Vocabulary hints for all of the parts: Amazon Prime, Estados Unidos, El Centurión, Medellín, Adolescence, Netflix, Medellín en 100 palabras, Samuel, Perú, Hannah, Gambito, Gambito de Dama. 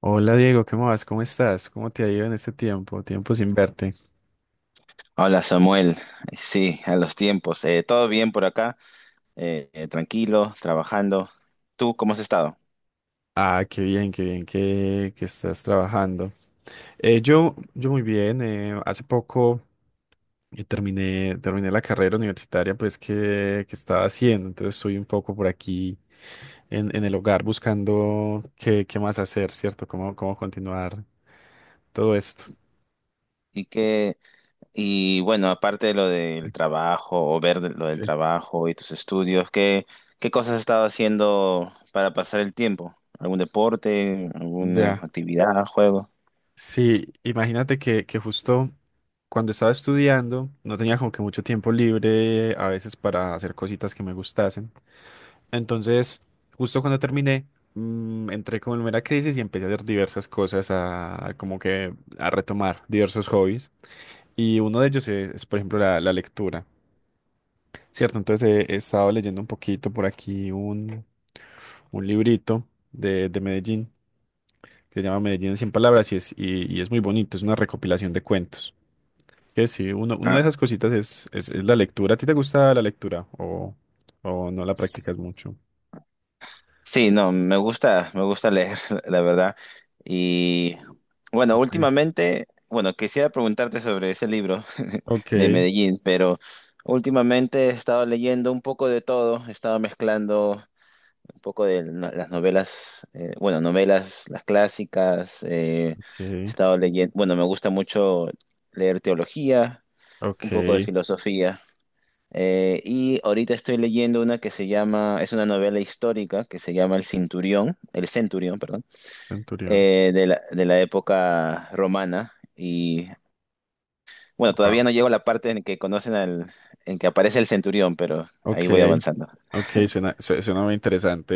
Hola Diego, ¿qué más? ¿Cómo estás? ¿Cómo te ha ido en este tiempo? Tiempo sin verte. Hola Samuel, sí, a los tiempos. Todo bien por acá. Tranquilo, trabajando. ¿Tú cómo has estado? Ah, qué bien que estás trabajando. Yo muy bien. Hace poco terminé la carrera universitaria pues que estaba haciendo. Entonces estoy un poco por aquí en el hogar buscando qué, qué más hacer, ¿cierto? ¿Cómo, cómo continuar todo esto? Y qué, y bueno, aparte de lo del trabajo lo del Sí. trabajo y tus estudios, ¿qué cosas has estado haciendo para pasar el tiempo? ¿Algún deporte, alguna Ya. actividad, juego? Sí, imagínate que justo cuando estaba estudiando no tenía como que mucho tiempo libre a veces para hacer cositas que me gustasen. Entonces, justo cuando terminé, entré como en una crisis y empecé a hacer diversas cosas, a como que a retomar diversos hobbies. Y uno de ellos es, por ejemplo, la lectura, ¿cierto? Entonces he, he estado leyendo un poquito por aquí un librito de Medellín que se llama Medellín en 100 palabras y es muy bonito, es una recopilación de cuentos. Que sí, uno, una de Ah. esas cositas es la lectura. ¿A ti te gusta la lectura o no la practicas mucho? Sí, no, me gusta leer, la verdad. Y bueno, Sí. últimamente, bueno, quisiera preguntarte sobre ese libro Ok, de Medellín, pero últimamente he estado leyendo un poco de todo. He estado mezclando un poco de las novelas, bueno, novelas, las clásicas. He ok, estado leyendo, bueno, me gusta mucho leer teología, un ok, poco de filosofía. Y ahorita estoy leyendo una, es una novela histórica que se llama El Cinturión, El Centurión, perdón, Centurión. De la época romana. Y bueno, Wow. todavía no llego a la parte en que aparece el centurión, pero Ok, ahí voy avanzando. ok, suena, suena muy interesante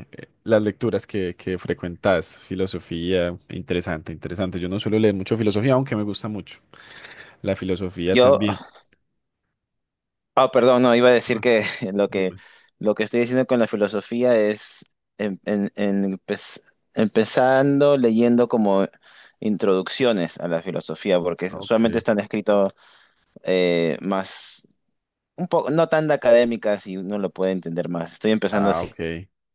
eh, las lecturas que frecuentas, filosofía, interesante, interesante. Yo no suelo leer mucho filosofía, aunque me gusta mucho. La filosofía Yo, también. ah, perdón, no, iba a decir Ah, que lo que, dime. lo que estoy diciendo con la filosofía es en- en- en- empe- empezando leyendo como introducciones a la filosofía, porque Ok. usualmente están escritos más, un poco, no tan de académica, si uno lo puede entender más. Estoy empezando Ah, ok. así.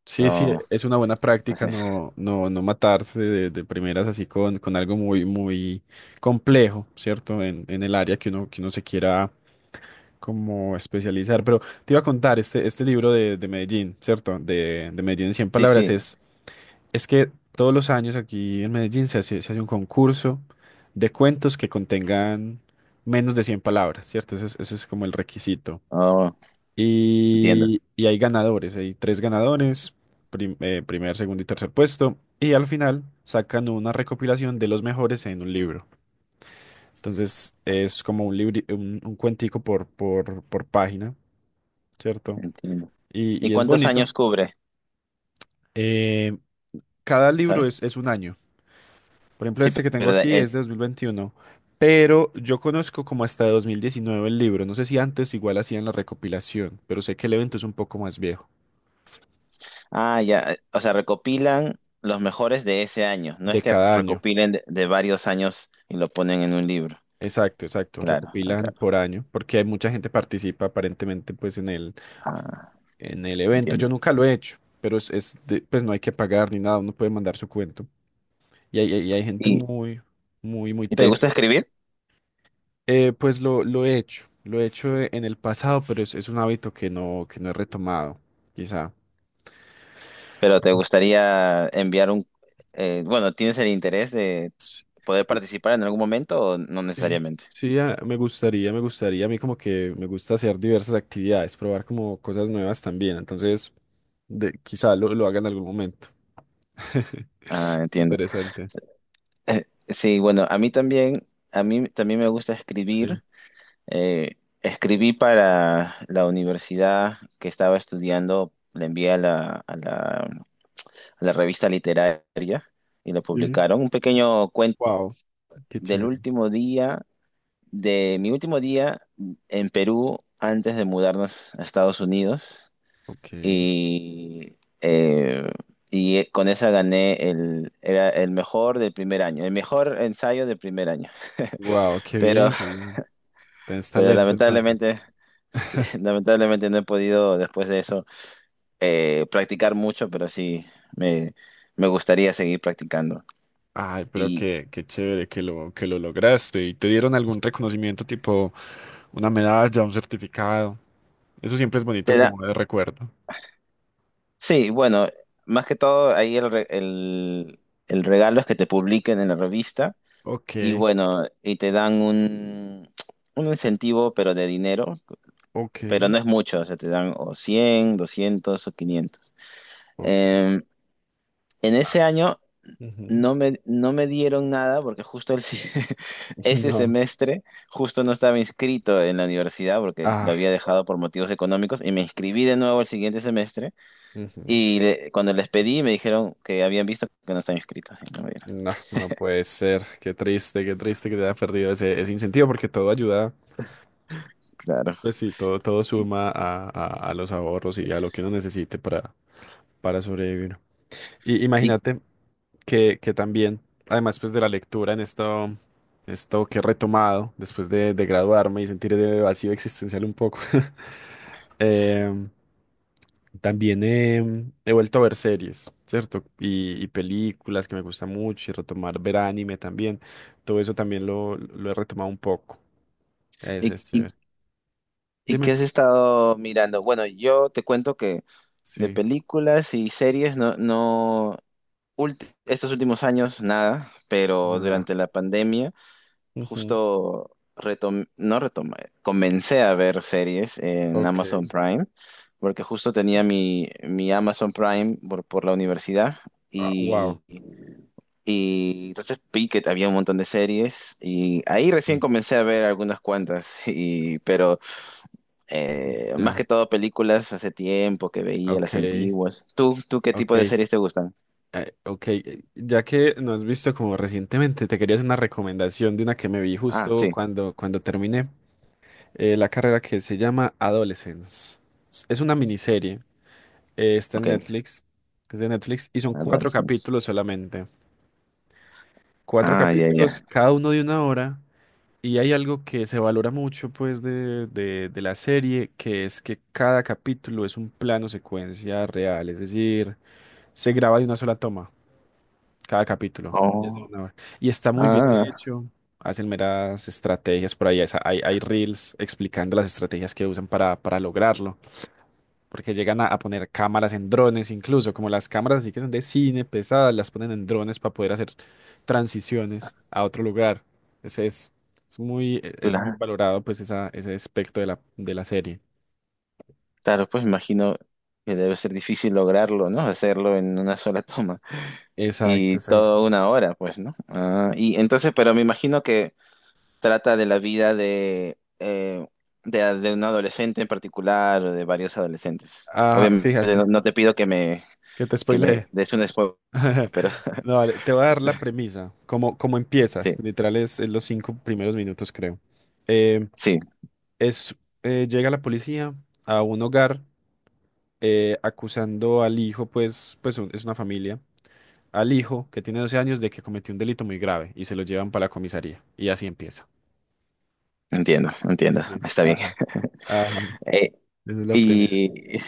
Sí, sí, No, es una buena pues práctica no, no, no matarse de primeras así con algo muy, muy complejo, ¿cierto? En el área que uno se quiera como especializar. Pero te iba a contar, este libro de Medellín, ¿cierto? De Medellín en 100 sí, palabras, sí. Es que todos los años aquí en Medellín se hace un concurso de cuentos que contengan menos de 100 palabras, ¿cierto? Ese es como el requisito. Oh, entiendo, Y hay ganadores, hay tres ganadores, primer, segundo y tercer puesto. Y al final sacan una recopilación de los mejores en un libro. Entonces es como un un cuentico por página, ¿cierto? entiendo. ¿Y Y es cuántos bonito. años cubre? Eh, cada libro ¿Sabes? es un año. Por ejemplo, Sí, este que tengo pero aquí es de 2021, pero yo conozco como hasta 2019 el libro. No sé si antes igual hacían la recopilación, pero sé que el evento es un poco más viejo, ya. O sea, recopilan los mejores de ese año. No de es que cada año. recopilen de varios años y lo ponen en un libro. Exacto, exacto. Claro, ah, Recopilan claro. por año, porque hay mucha gente participa aparentemente pues Ah, en el evento. Yo entiendo. nunca lo he hecho, pero es, pues no hay que pagar ni nada, uno puede mandar su cuento. Y hay gente ¿Y, muy, muy, muy y te tesa. gusta escribir? Pues lo he hecho en el pasado, pero es un hábito que no he retomado, quizá. Pero te gustaría enviar un bueno, ¿tienes el interés de Sí, poder sí, participar en algún momento o no sí, necesariamente? sí, ah, me gustaría, me gustaría. A mí como que me gusta hacer diversas actividades, probar como cosas nuevas también. Entonces, de, quizá lo haga en algún momento. Ah, entiendo. Interesante. Sí, bueno, a mí también me gusta Sí. escribir. Eh, escribí para la universidad que estaba estudiando, le envié a la revista literaria y lo Sí. publicaron. Un pequeño cuento Wow, qué del chévere. último día, de mi último día en Perú antes de mudarnos a Estados Unidos. Ok. y, eh, y con esa gané era el mejor del primer año, el mejor ensayo del primer año. Wow, qué Pero, bien, qué bien. Tienes pero talento entonces. lamentablemente, sí, lamentablemente no he podido después de eso practicar mucho, pero sí me, me gustaría seguir practicando. Ay, pero Y qué, qué chévere que lo lograste. ¿Y te dieron algún reconocimiento tipo una medalla, un certificado? Eso siempre es bonito te da, como de recuerdo. sí, bueno, más que todo ahí el regalo es que te publiquen en la revista. Ok, Y bueno, y te dan un incentivo, pero de dinero, ok, pero no es mucho, o sea, te dan o 100, 200 o 500. ok. Eh, en ese año Ujú. no me dieron nada porque justo el si- ese No. semestre justo no estaba inscrito en la universidad porque lo Ah, había dejado por motivos económicos y me inscribí de nuevo el siguiente semestre ujú. y cuando les pedí me dijeron que habían visto que no estaba inscrito y no me dieron. No, no puede ser. Qué triste que te haya perdido ese, ese incentivo porque todo ayuda. Claro. Pues sí, todo, todo ¿Y, suma a, a los ahorros y a lo que uno necesite para sobrevivir. Y y, imagínate que también, además pues de la lectura en esto, esto que he retomado después de graduarme y sentir de vacío existencial un poco, em, también he vuelto a ver series, ¿cierto? Y películas que me gustan mucho y retomar ver anime también. Todo eso también lo he retomado un poco. Ese y, es y- chévere. y qué Dime. has estado mirando? Bueno, yo te cuento que de Sí. películas y series no, estos últimos años nada, pero No da. durante la pandemia Ujú. justo retom no retomé, comencé a ver series en Ok. Amazon Prime, porque justo tenía mi Amazon Prime por la universidad Ah, wow. y, y entonces vi que había un montón de series y ahí recién Sí, comencé a ver algunas cuantas. Pero más que ya. todo películas hace tiempo que veía Ok. las antiguas. ¿Tú qué Ok. tipo de series te gustan? Ok. Ya que no has visto como recientemente, te quería hacer una recomendación de una que me vi Ah, justo sí, cuando, cuando terminé la carrera que se llama Adolescence. Es una miniserie. Está en ok. Netflix. Es de Netflix y son cuatro Adolescencia. capítulos solamente. Cuatro Ah, ya, ya. capítulos, cada uno de una hora. Y hay algo que se valora mucho, pues, de la serie, que es que cada capítulo es un plano secuencia real, es decir, se graba de una sola toma, cada capítulo. Es de Oh, una hora. Y está muy bien ah, hecho, hacen meras estrategias por ahí, hay, hay reels explicando las estrategias que usan para lograrlo porque llegan a poner cámaras en drones, incluso como las cámaras así que son de cine pesadas, las ponen en drones para poder hacer transiciones a otro lugar. Ese es muy, es muy claro. valorado pues esa, ese aspecto de la serie. Claro, pues me imagino que debe ser difícil lograrlo, ¿no? Hacerlo en una sola toma Exacto, y exacto. toda una hora, pues, ¿no? Ah, y entonces, pero me imagino que trata de la vida de un adolescente en particular o de varios adolescentes. Ah, claro. Obviamente, no, Fíjate, no te pido que me, que te que me spoileé. des un spoiler, pero No, vale, te voy a dar la premisa, como, como empieza, sí, literal es los cinco primeros minutos creo. Eh, sí, es, llega la policía a un hogar acusando al hijo, pues, es una familia, al hijo que tiene 12 años de que cometió un delito muy grave y se lo llevan para la comisaría. Y así empieza. entiendo, entiendo, ¿Entiendes? está bien. Ajá, ajá. Eh, Esa es la premisa. y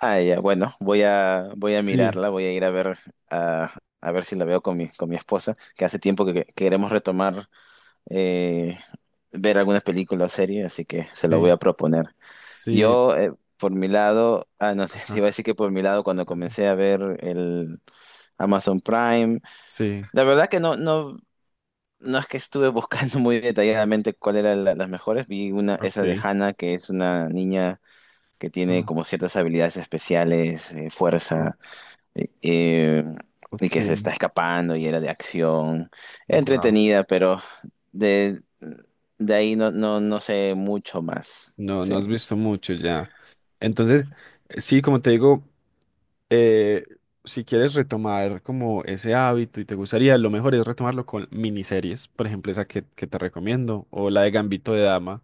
Ah, ya, bueno, voy a Sí, mirarla, voy a ir a ver, a, a ver si la veo con mi esposa, que hace tiempo que queremos retomar, eh, ver algunas películas o series, así que se lo voy sí, a proponer. sí, Yo, por mi lado, ah, no, te iba a ajá. decir que por mi lado, cuando comencé a ver el Amazon Prime, Sí, la verdad que no es que estuve buscando muy detalladamente cuál eran las mejores. Vi una, esa de ok. Hannah, que es una niña que tiene ah, como ciertas habilidades especiales, o- fuerza eh, y ok, que se está escapando y era de acción, wow. entretenida, pero de, de ahí no sé mucho más. No, Sí. no has visto mucho ya. Entonces, sí, como te digo. eh, si quieres retomar como ese hábito y te gustaría, lo mejor es retomarlo con miniseries, por ejemplo, esa que te recomiendo, o la de Gambito de Dama,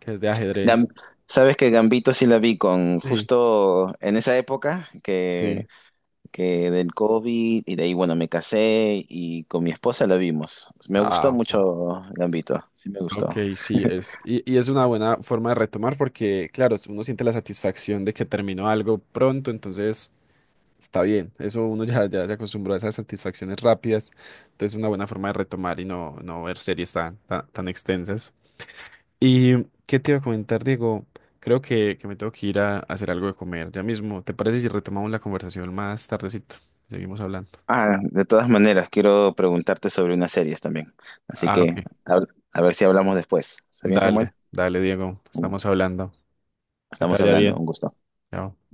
que es de Gam- ajedrez. Sabes que Gambito sí la vi con Sí, justo en esa época que, sí. que del COVID y de ahí, bueno, me casé y con mi esposa la vimos. Me gustó Ah, ok. mucho Gambito, sí me Ok, gustó. sí, es, y es una buena forma de retomar porque, claro, uno siente la satisfacción de que terminó algo pronto, entonces está bien, eso uno ya, ya se acostumbró a esas satisfacciones rápidas, entonces es una buena forma de retomar y no, no ver series tan, tan, tan extensas. ¿Y qué te iba a comentar, Diego? Creo que me tengo que ir a hacer algo de comer ya mismo. ¿Te parece si retomamos la conversación más tardecito? Seguimos hablando. Ah, de todas maneras, quiero preguntarte sobre unas series también. Así Ah, que ok. a, a ver si hablamos después. ¿Está bien, Samuel? Dale, dale, Diego. Estamos hablando. Que te Estamos vaya hablando, un bien. gusto. Chao.